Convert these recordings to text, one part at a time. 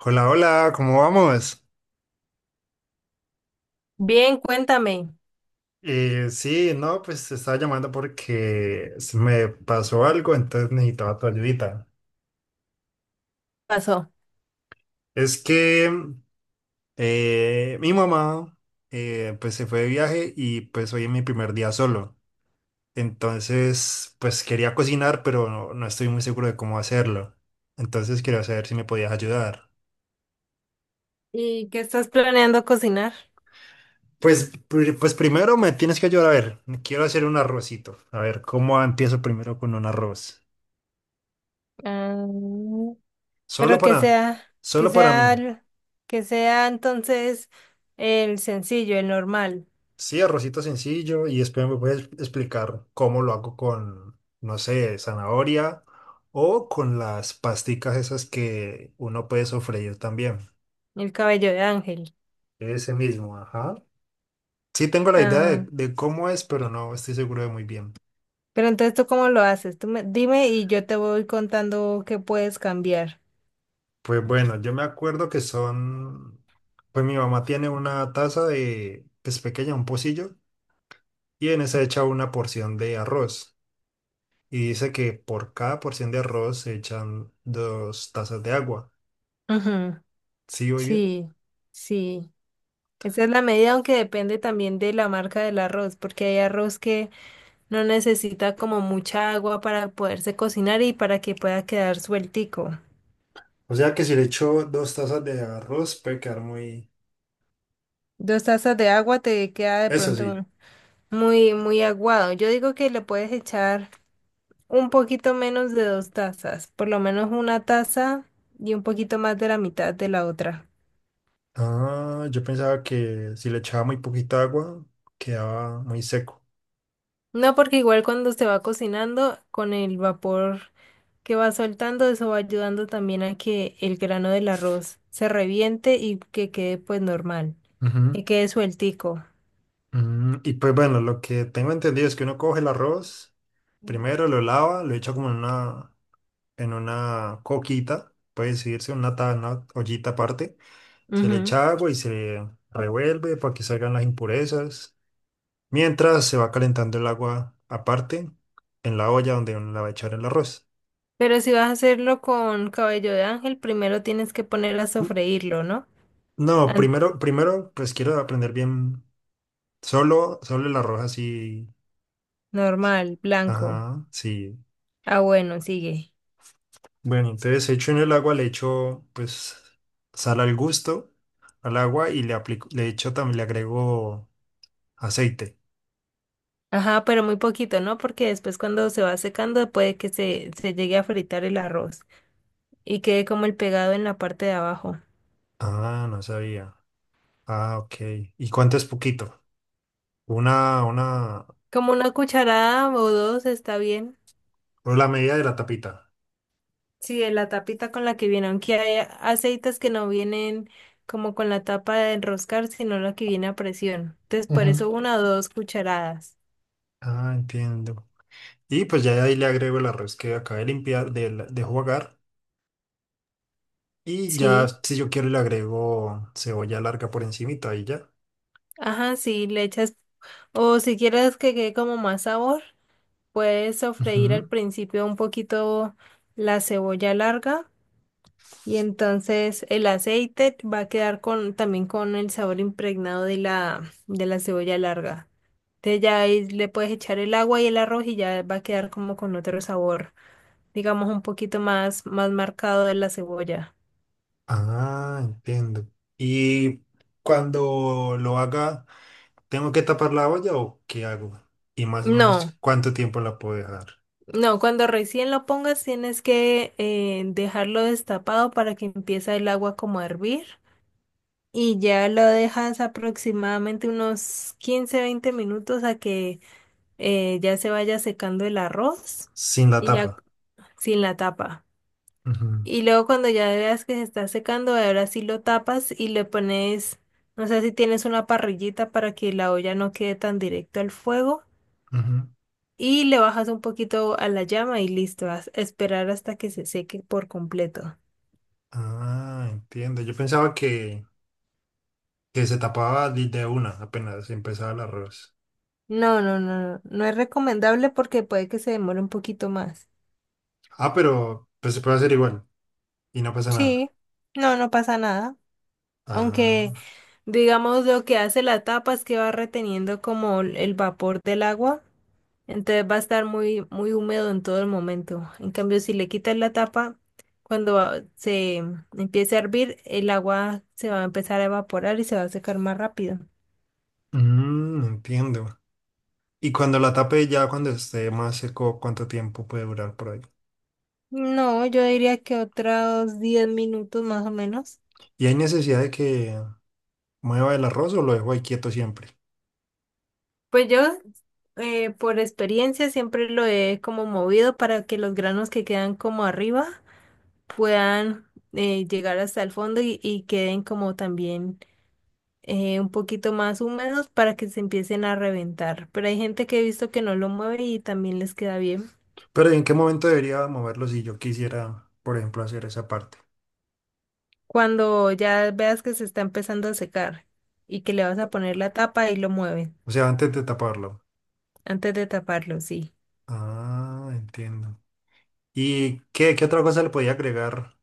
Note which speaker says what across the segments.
Speaker 1: Hola, hola, ¿cómo vamos?
Speaker 2: Bien, cuéntame, ¿qué
Speaker 1: Sí, no, pues te estaba llamando porque se me pasó algo, entonces necesitaba tu ayudita.
Speaker 2: pasó?
Speaker 1: Es que mi mamá pues se fue de viaje y pues hoy es mi primer día solo. Entonces, pues quería cocinar, pero no estoy muy seguro de cómo hacerlo. Entonces quería saber si me podías ayudar.
Speaker 2: ¿Y qué estás planeando cocinar?
Speaker 1: Pues, pues primero me tienes que ayudar a ver, quiero hacer un arrocito. A ver, ¿cómo empiezo primero con un arroz?
Speaker 2: Ah,
Speaker 1: Solo
Speaker 2: pero
Speaker 1: para,
Speaker 2: que
Speaker 1: solo para
Speaker 2: sea,
Speaker 1: mí.
Speaker 2: el- que sea entonces el sencillo, el normal,
Speaker 1: Sí, arrocito sencillo y después me puedes explicar cómo lo hago con, no sé, zanahoria o con las pasticas esas que uno puede sofreír también.
Speaker 2: el cabello de ángel.
Speaker 1: Ese mismo, ajá. Sí tengo la idea
Speaker 2: Ah,
Speaker 1: de cómo es, pero no estoy seguro de muy bien.
Speaker 2: pero entonces ¿tú cómo lo haces? Dime y yo te voy contando qué puedes cambiar.
Speaker 1: Pues bueno, yo me acuerdo que son, pues mi mamá tiene una taza de, pues pequeña, un pocillo, y en esa echa una porción de arroz. Y dice que por cada porción de arroz se echan dos tazas de agua.
Speaker 2: Ujú,
Speaker 1: ¿Sí voy bien?
Speaker 2: sí, sí. Esa es la medida, aunque depende también de la marca del arroz, porque hay arroz que no necesita como mucha agua para poderse cocinar y para que pueda quedar sueltico.
Speaker 1: O sea que si le echo dos tazas de arroz puede quedar muy...
Speaker 2: 2 tazas de agua te queda de
Speaker 1: Eso
Speaker 2: pronto
Speaker 1: sí.
Speaker 2: muy, muy aguado. Yo digo que le puedes echar un poquito menos de 2 tazas, por lo menos 1 taza y un poquito más de la mitad de la otra.
Speaker 1: Ah, yo pensaba que si le echaba muy poquita agua, quedaba muy seco.
Speaker 2: No, porque igual cuando se va cocinando, con el vapor que va soltando, eso va ayudando también a que el grano del arroz se reviente y que quede pues normal,
Speaker 1: Ujú.
Speaker 2: que quede sueltico.
Speaker 1: Y pues bueno, lo que tengo entendido es que uno coge el arroz, primero lo lava, lo echa como en una coquita, puede decirse, una, una ollita aparte. Se le
Speaker 2: Ujú.
Speaker 1: echa agua y se revuelve para que salgan las impurezas. Mientras se va calentando el agua aparte en la olla donde uno la va a echar el arroz.
Speaker 2: Pero si vas a hacerlo con cabello de ángel, primero tienes que poner a
Speaker 1: N-
Speaker 2: sofreírlo, ¿no?
Speaker 1: No,
Speaker 2: An-
Speaker 1: primero, pues quiero aprender bien solo, solo el arroz así.
Speaker 2: Normal, blanco.
Speaker 1: Ajá, sí.
Speaker 2: Ah, bueno, sigue.
Speaker 1: Bueno, entonces hecho en el agua, le echo pues sal al gusto al agua y le aplico, le echo también, le agrego aceite.
Speaker 2: Ajá, pero muy poquito, ¿no? Porque después cuando se va secando puede que se llegue a fritar el arroz y quede como el pegado en la parte de abajo.
Speaker 1: Ah, no sabía. Ah, ok. ¿Y cuánto es poquito? Una, una.
Speaker 2: Como 1 cucharada o 2 está bien.
Speaker 1: O la medida de la tapita.
Speaker 2: Sí, de la tapita con la que viene, aunque hay aceites que no vienen como con la tapa de enroscar, sino la que viene a presión. Entonces, por
Speaker 1: Ujú.
Speaker 2: eso 1 o 2 cucharadas.
Speaker 1: Ah, entiendo. Y pues ya de ahí le agrego el arroz que acabé de limpiar, de jugar. Y ya,
Speaker 2: Sí.
Speaker 1: si yo quiero, le agrego cebolla larga por encimita y ya.
Speaker 2: Ajá, sí, le echas, o si quieres que quede como más sabor, puedes sofreír al
Speaker 1: Ujú.
Speaker 2: principio un poquito la cebolla larga y entonces el aceite va a quedar con, también con el sabor impregnado de la cebolla larga. Entonces ya ahí le puedes echar el agua y el arroz y ya va a quedar como con otro sabor, digamos un poquito más, más marcado de la cebolla.
Speaker 1: Ah, entiendo. Y cuando lo haga, ¿tengo que tapar la olla o qué hago? Y más o
Speaker 2: No.
Speaker 1: menos, ¿cuánto tiempo la puedo dejar
Speaker 2: No, cuando recién lo pongas tienes que dejarlo destapado para que empiece el agua como a hervir y ya lo dejas aproximadamente unos 15-20 minutos a que ya se vaya secando el arroz
Speaker 1: sin la
Speaker 2: y ya
Speaker 1: tapa?
Speaker 2: sin la tapa.
Speaker 1: Ujú,
Speaker 2: Y luego cuando ya veas que se está secando, ahora sí lo tapas y le pones, no sé si tienes una parrillita para que la olla no quede tan directo al fuego.
Speaker 1: ujú.
Speaker 2: Y le bajas un poquito a la llama y listo, vas a esperar hasta que se seque por completo.
Speaker 1: Ah, entiendo. Yo pensaba que se tapaba de una apenas empezaba el arroz.
Speaker 2: No, no, no, no, no es recomendable porque puede que se demore un poquito más.
Speaker 1: Ah, pero pues se puede hacer igual y no pasa nada.
Speaker 2: Sí, no, no pasa nada. Aunque,
Speaker 1: Ah,
Speaker 2: digamos, lo que hace la tapa es que va reteniendo como el vapor del agua, entonces va a estar muy, muy húmedo en todo el momento. En cambio, si le quitas la tapa, cuando se empiece a hervir, el agua se va a empezar a evaporar y se va a secar más rápido.
Speaker 1: mm, entiendo. Y cuando la tape ya cuando esté más seco, ¿cuánto tiempo puede durar por ahí?
Speaker 2: No, yo diría que otros 10 minutos más o menos.
Speaker 1: ¿Y hay necesidad de que mueva el arroz o lo dejo ahí quieto siempre?
Speaker 2: Pues yo, por experiencia, siempre lo he como movido para que los granos que quedan como arriba puedan llegar hasta el fondo y queden como también un poquito más húmedos para que se empiecen a reventar. Pero hay gente que he visto que no lo mueve y también les queda bien.
Speaker 1: Pero ¿en qué momento debería moverlo si yo quisiera, por ejemplo, hacer esa parte?
Speaker 2: Cuando ya veas que se está empezando a secar y que le vas a poner la tapa y lo mueven
Speaker 1: O sea, antes de taparlo.
Speaker 2: antes de taparlo, sí.
Speaker 1: Ah, entiendo. ¿Y qué otra cosa le podía agregar?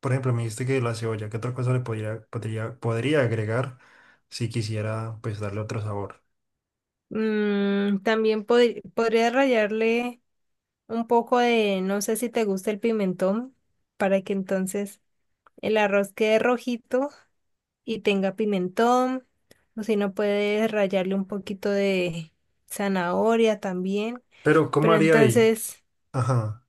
Speaker 1: Por ejemplo, me dijiste que la cebolla, ¿qué otra cosa le podría agregar si quisiera pues darle otro sabor?
Speaker 2: Mm, también podría rallarle un poco de, no sé si te gusta el pimentón, para que entonces el arroz quede rojito y tenga pimentón, o si no puedes rallarle un poquito de zanahoria también,
Speaker 1: Pero, ¿cómo
Speaker 2: pero
Speaker 1: haría ahí?
Speaker 2: entonces
Speaker 1: Ajá.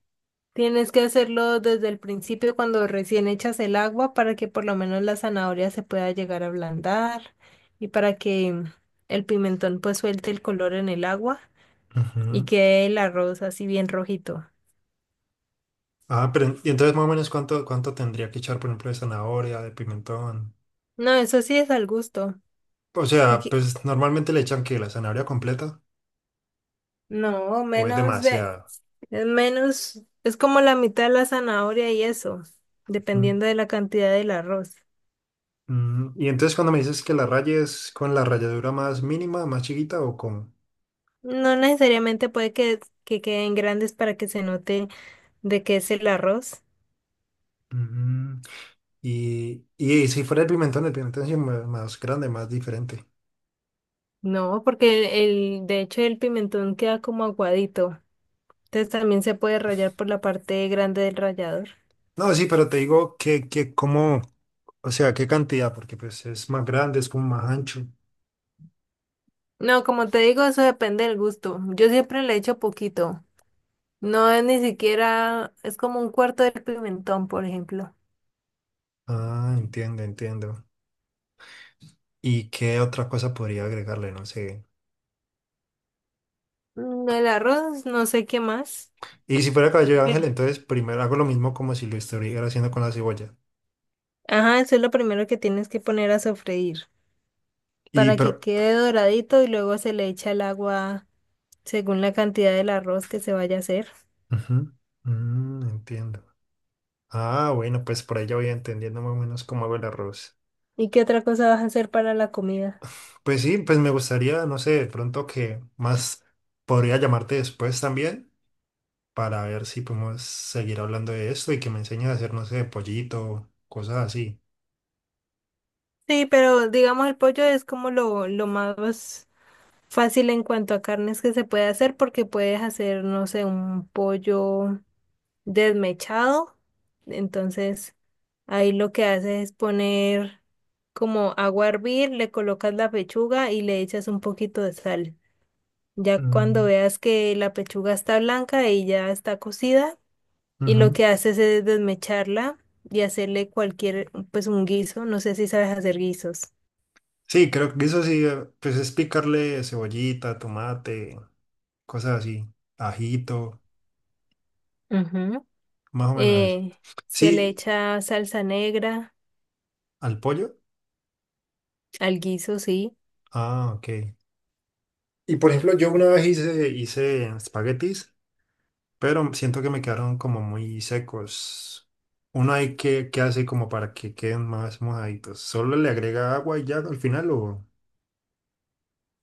Speaker 2: tienes que hacerlo desde el principio cuando recién echas el agua para que por lo menos la zanahoria se pueda llegar a ablandar y para que el pimentón pues suelte el color en el agua y
Speaker 1: Ujú.
Speaker 2: quede el arroz así bien rojito.
Speaker 1: Ah, pero y entonces más o menos cuánto tendría que echar, por ejemplo, de zanahoria, de pimentón.
Speaker 2: No, eso sí es al gusto.
Speaker 1: O
Speaker 2: Así
Speaker 1: sea,
Speaker 2: que-
Speaker 1: pues normalmente le echan que la zanahoria completa
Speaker 2: No,
Speaker 1: o es
Speaker 2: menos de,
Speaker 1: demasiada.
Speaker 2: es menos, es como la mitad de la zanahoria y eso,
Speaker 1: Mm,
Speaker 2: dependiendo de la cantidad del arroz.
Speaker 1: mm. Y entonces cuando me dices que la raya es con la ralladura más mínima, más chiquita o con...
Speaker 2: No necesariamente puede que queden grandes para que se note de qué es el arroz.
Speaker 1: Y, y si fuera el pimentón sí más grande, más diferente.
Speaker 2: No, porque de hecho el pimentón queda como aguadito. Entonces también se puede rallar por la parte grande del rallador.
Speaker 1: No, sí, pero te digo que como, o sea, qué cantidad, porque pues es más grande, es como más ancho.
Speaker 2: No, como te digo, eso depende del gusto. Yo siempre le echo poquito. No es ni siquiera, es como un cuarto del pimentón, por ejemplo.
Speaker 1: Ah, entiendo, entiendo. ¿Y qué otra cosa podría agregarle? No sé.
Speaker 2: Mm, el arroz, no sé qué más.
Speaker 1: Y si fuera cabello de ángel,
Speaker 2: Pero-
Speaker 1: entonces primero hago lo mismo como si lo estuviera haciendo con la cebolla.
Speaker 2: Ajá, eso es lo primero que tienes que poner a sofreír
Speaker 1: Y
Speaker 2: para que
Speaker 1: pero...
Speaker 2: quede doradito y luego se le echa el agua según la cantidad del arroz que se vaya a hacer.
Speaker 1: Ujú. Mm, entiendo. Ah, bueno, pues por ahí ya voy entendiendo más o menos cómo hago el arroz.
Speaker 2: ¿Y qué otra cosa vas a hacer para la comida?
Speaker 1: Pues sí, pues me gustaría, no sé, de pronto que más podría llamarte después también para ver si podemos seguir hablando de esto y que me enseñes a hacer, no sé, pollito, cosas así.
Speaker 2: Sí, pero digamos el pollo es como lo más fácil en cuanto a carnes que se puede hacer porque puedes hacer, no sé, un pollo desmechado. Entonces, ahí lo que haces es poner como agua a hervir, le colocas la pechuga y le echas un poquito de sal. Ya cuando
Speaker 1: Mm,
Speaker 2: veas que la pechuga está blanca y ya está cocida, y lo
Speaker 1: ujú.
Speaker 2: que haces es desmecharla y hacerle cualquier, pues un guiso, no sé si sabes hacer guisos.
Speaker 1: Sí, creo que eso sí, pues es picarle cebollita, tomate, cosas así, ajito,
Speaker 2: Ujú.
Speaker 1: más o menos eso.
Speaker 2: Eh, Se le
Speaker 1: Sí,
Speaker 2: echa salsa negra
Speaker 1: al pollo.
Speaker 2: al guiso, sí.
Speaker 1: Ah, ok. Y por ejemplo, yo una vez hice espaguetis, pero siento que me quedaron como muy secos. Uno hay que hace como para que queden más mojaditos. Solo le agrega agua y ya al final o...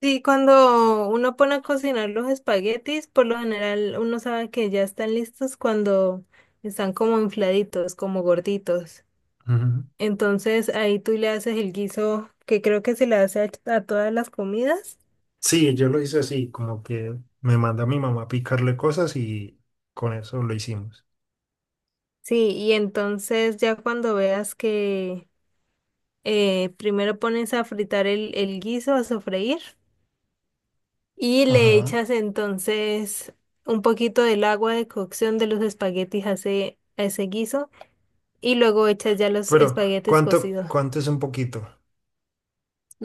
Speaker 2: Sí, cuando uno pone a cocinar los espaguetis, por lo general uno sabe que ya están listos cuando están como infladitos, como gorditos.
Speaker 1: Ujú.
Speaker 2: Entonces ahí tú le haces el guiso que creo que se le hace a todas las comidas.
Speaker 1: Sí, yo lo hice así, como que me manda mi mamá a picarle cosas y con eso lo hicimos.
Speaker 2: Sí, y entonces ya cuando veas que primero pones a fritar el guiso, a sofreír, y le
Speaker 1: Ajá.
Speaker 2: echas entonces un poquito del agua de cocción de los espaguetis a ese guiso y luego echas ya los
Speaker 1: Pero,
Speaker 2: espaguetis
Speaker 1: ¿cuánto,
Speaker 2: cocidos.
Speaker 1: cuánto es un poquito?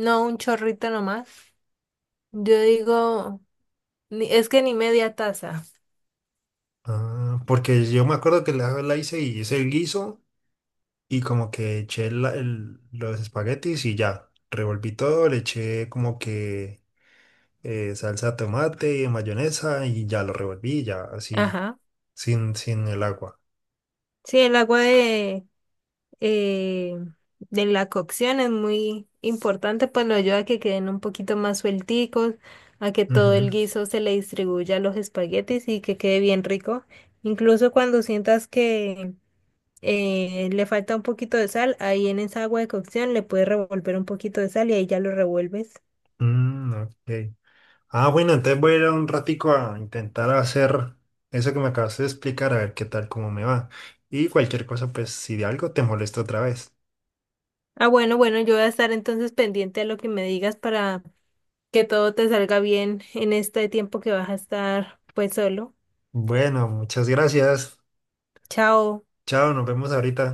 Speaker 2: No un chorrito nomás. Yo digo, es que ni media taza.
Speaker 1: Ah, porque yo me acuerdo que la hice y hice el guiso y como que eché los espaguetis y ya. Revolví todo, le eché como que salsa de tomate, mayonesa y ya lo revolví, ya así,
Speaker 2: Ajá.
Speaker 1: sin el agua.
Speaker 2: Sí, el agua eh, de la cocción es muy importante, pues lo ayuda a que queden un poquito más suelticos, a que todo el
Speaker 1: Ujú.
Speaker 2: guiso se le distribuya a los espaguetis y que quede bien rico. Incluso cuando sientas que le falta un poquito de sal, ahí en esa agua de cocción le puedes revolver un poquito de sal y ahí ya lo revuelves.
Speaker 1: Mm, ok. Ah, bueno, entonces voy a ir un ratico a intentar hacer eso que me acabaste de explicar, a ver qué tal, cómo me va. Y cualquier cosa, pues si de algo te molesto otra vez.
Speaker 2: Ah, bueno, bueno, yo voy a estar entonces pendiente a lo que me digas para que todo te salga bien en este tiempo que vas a estar pues solo.
Speaker 1: Bueno, muchas gracias.
Speaker 2: Chao.
Speaker 1: Chao, nos vemos ahorita.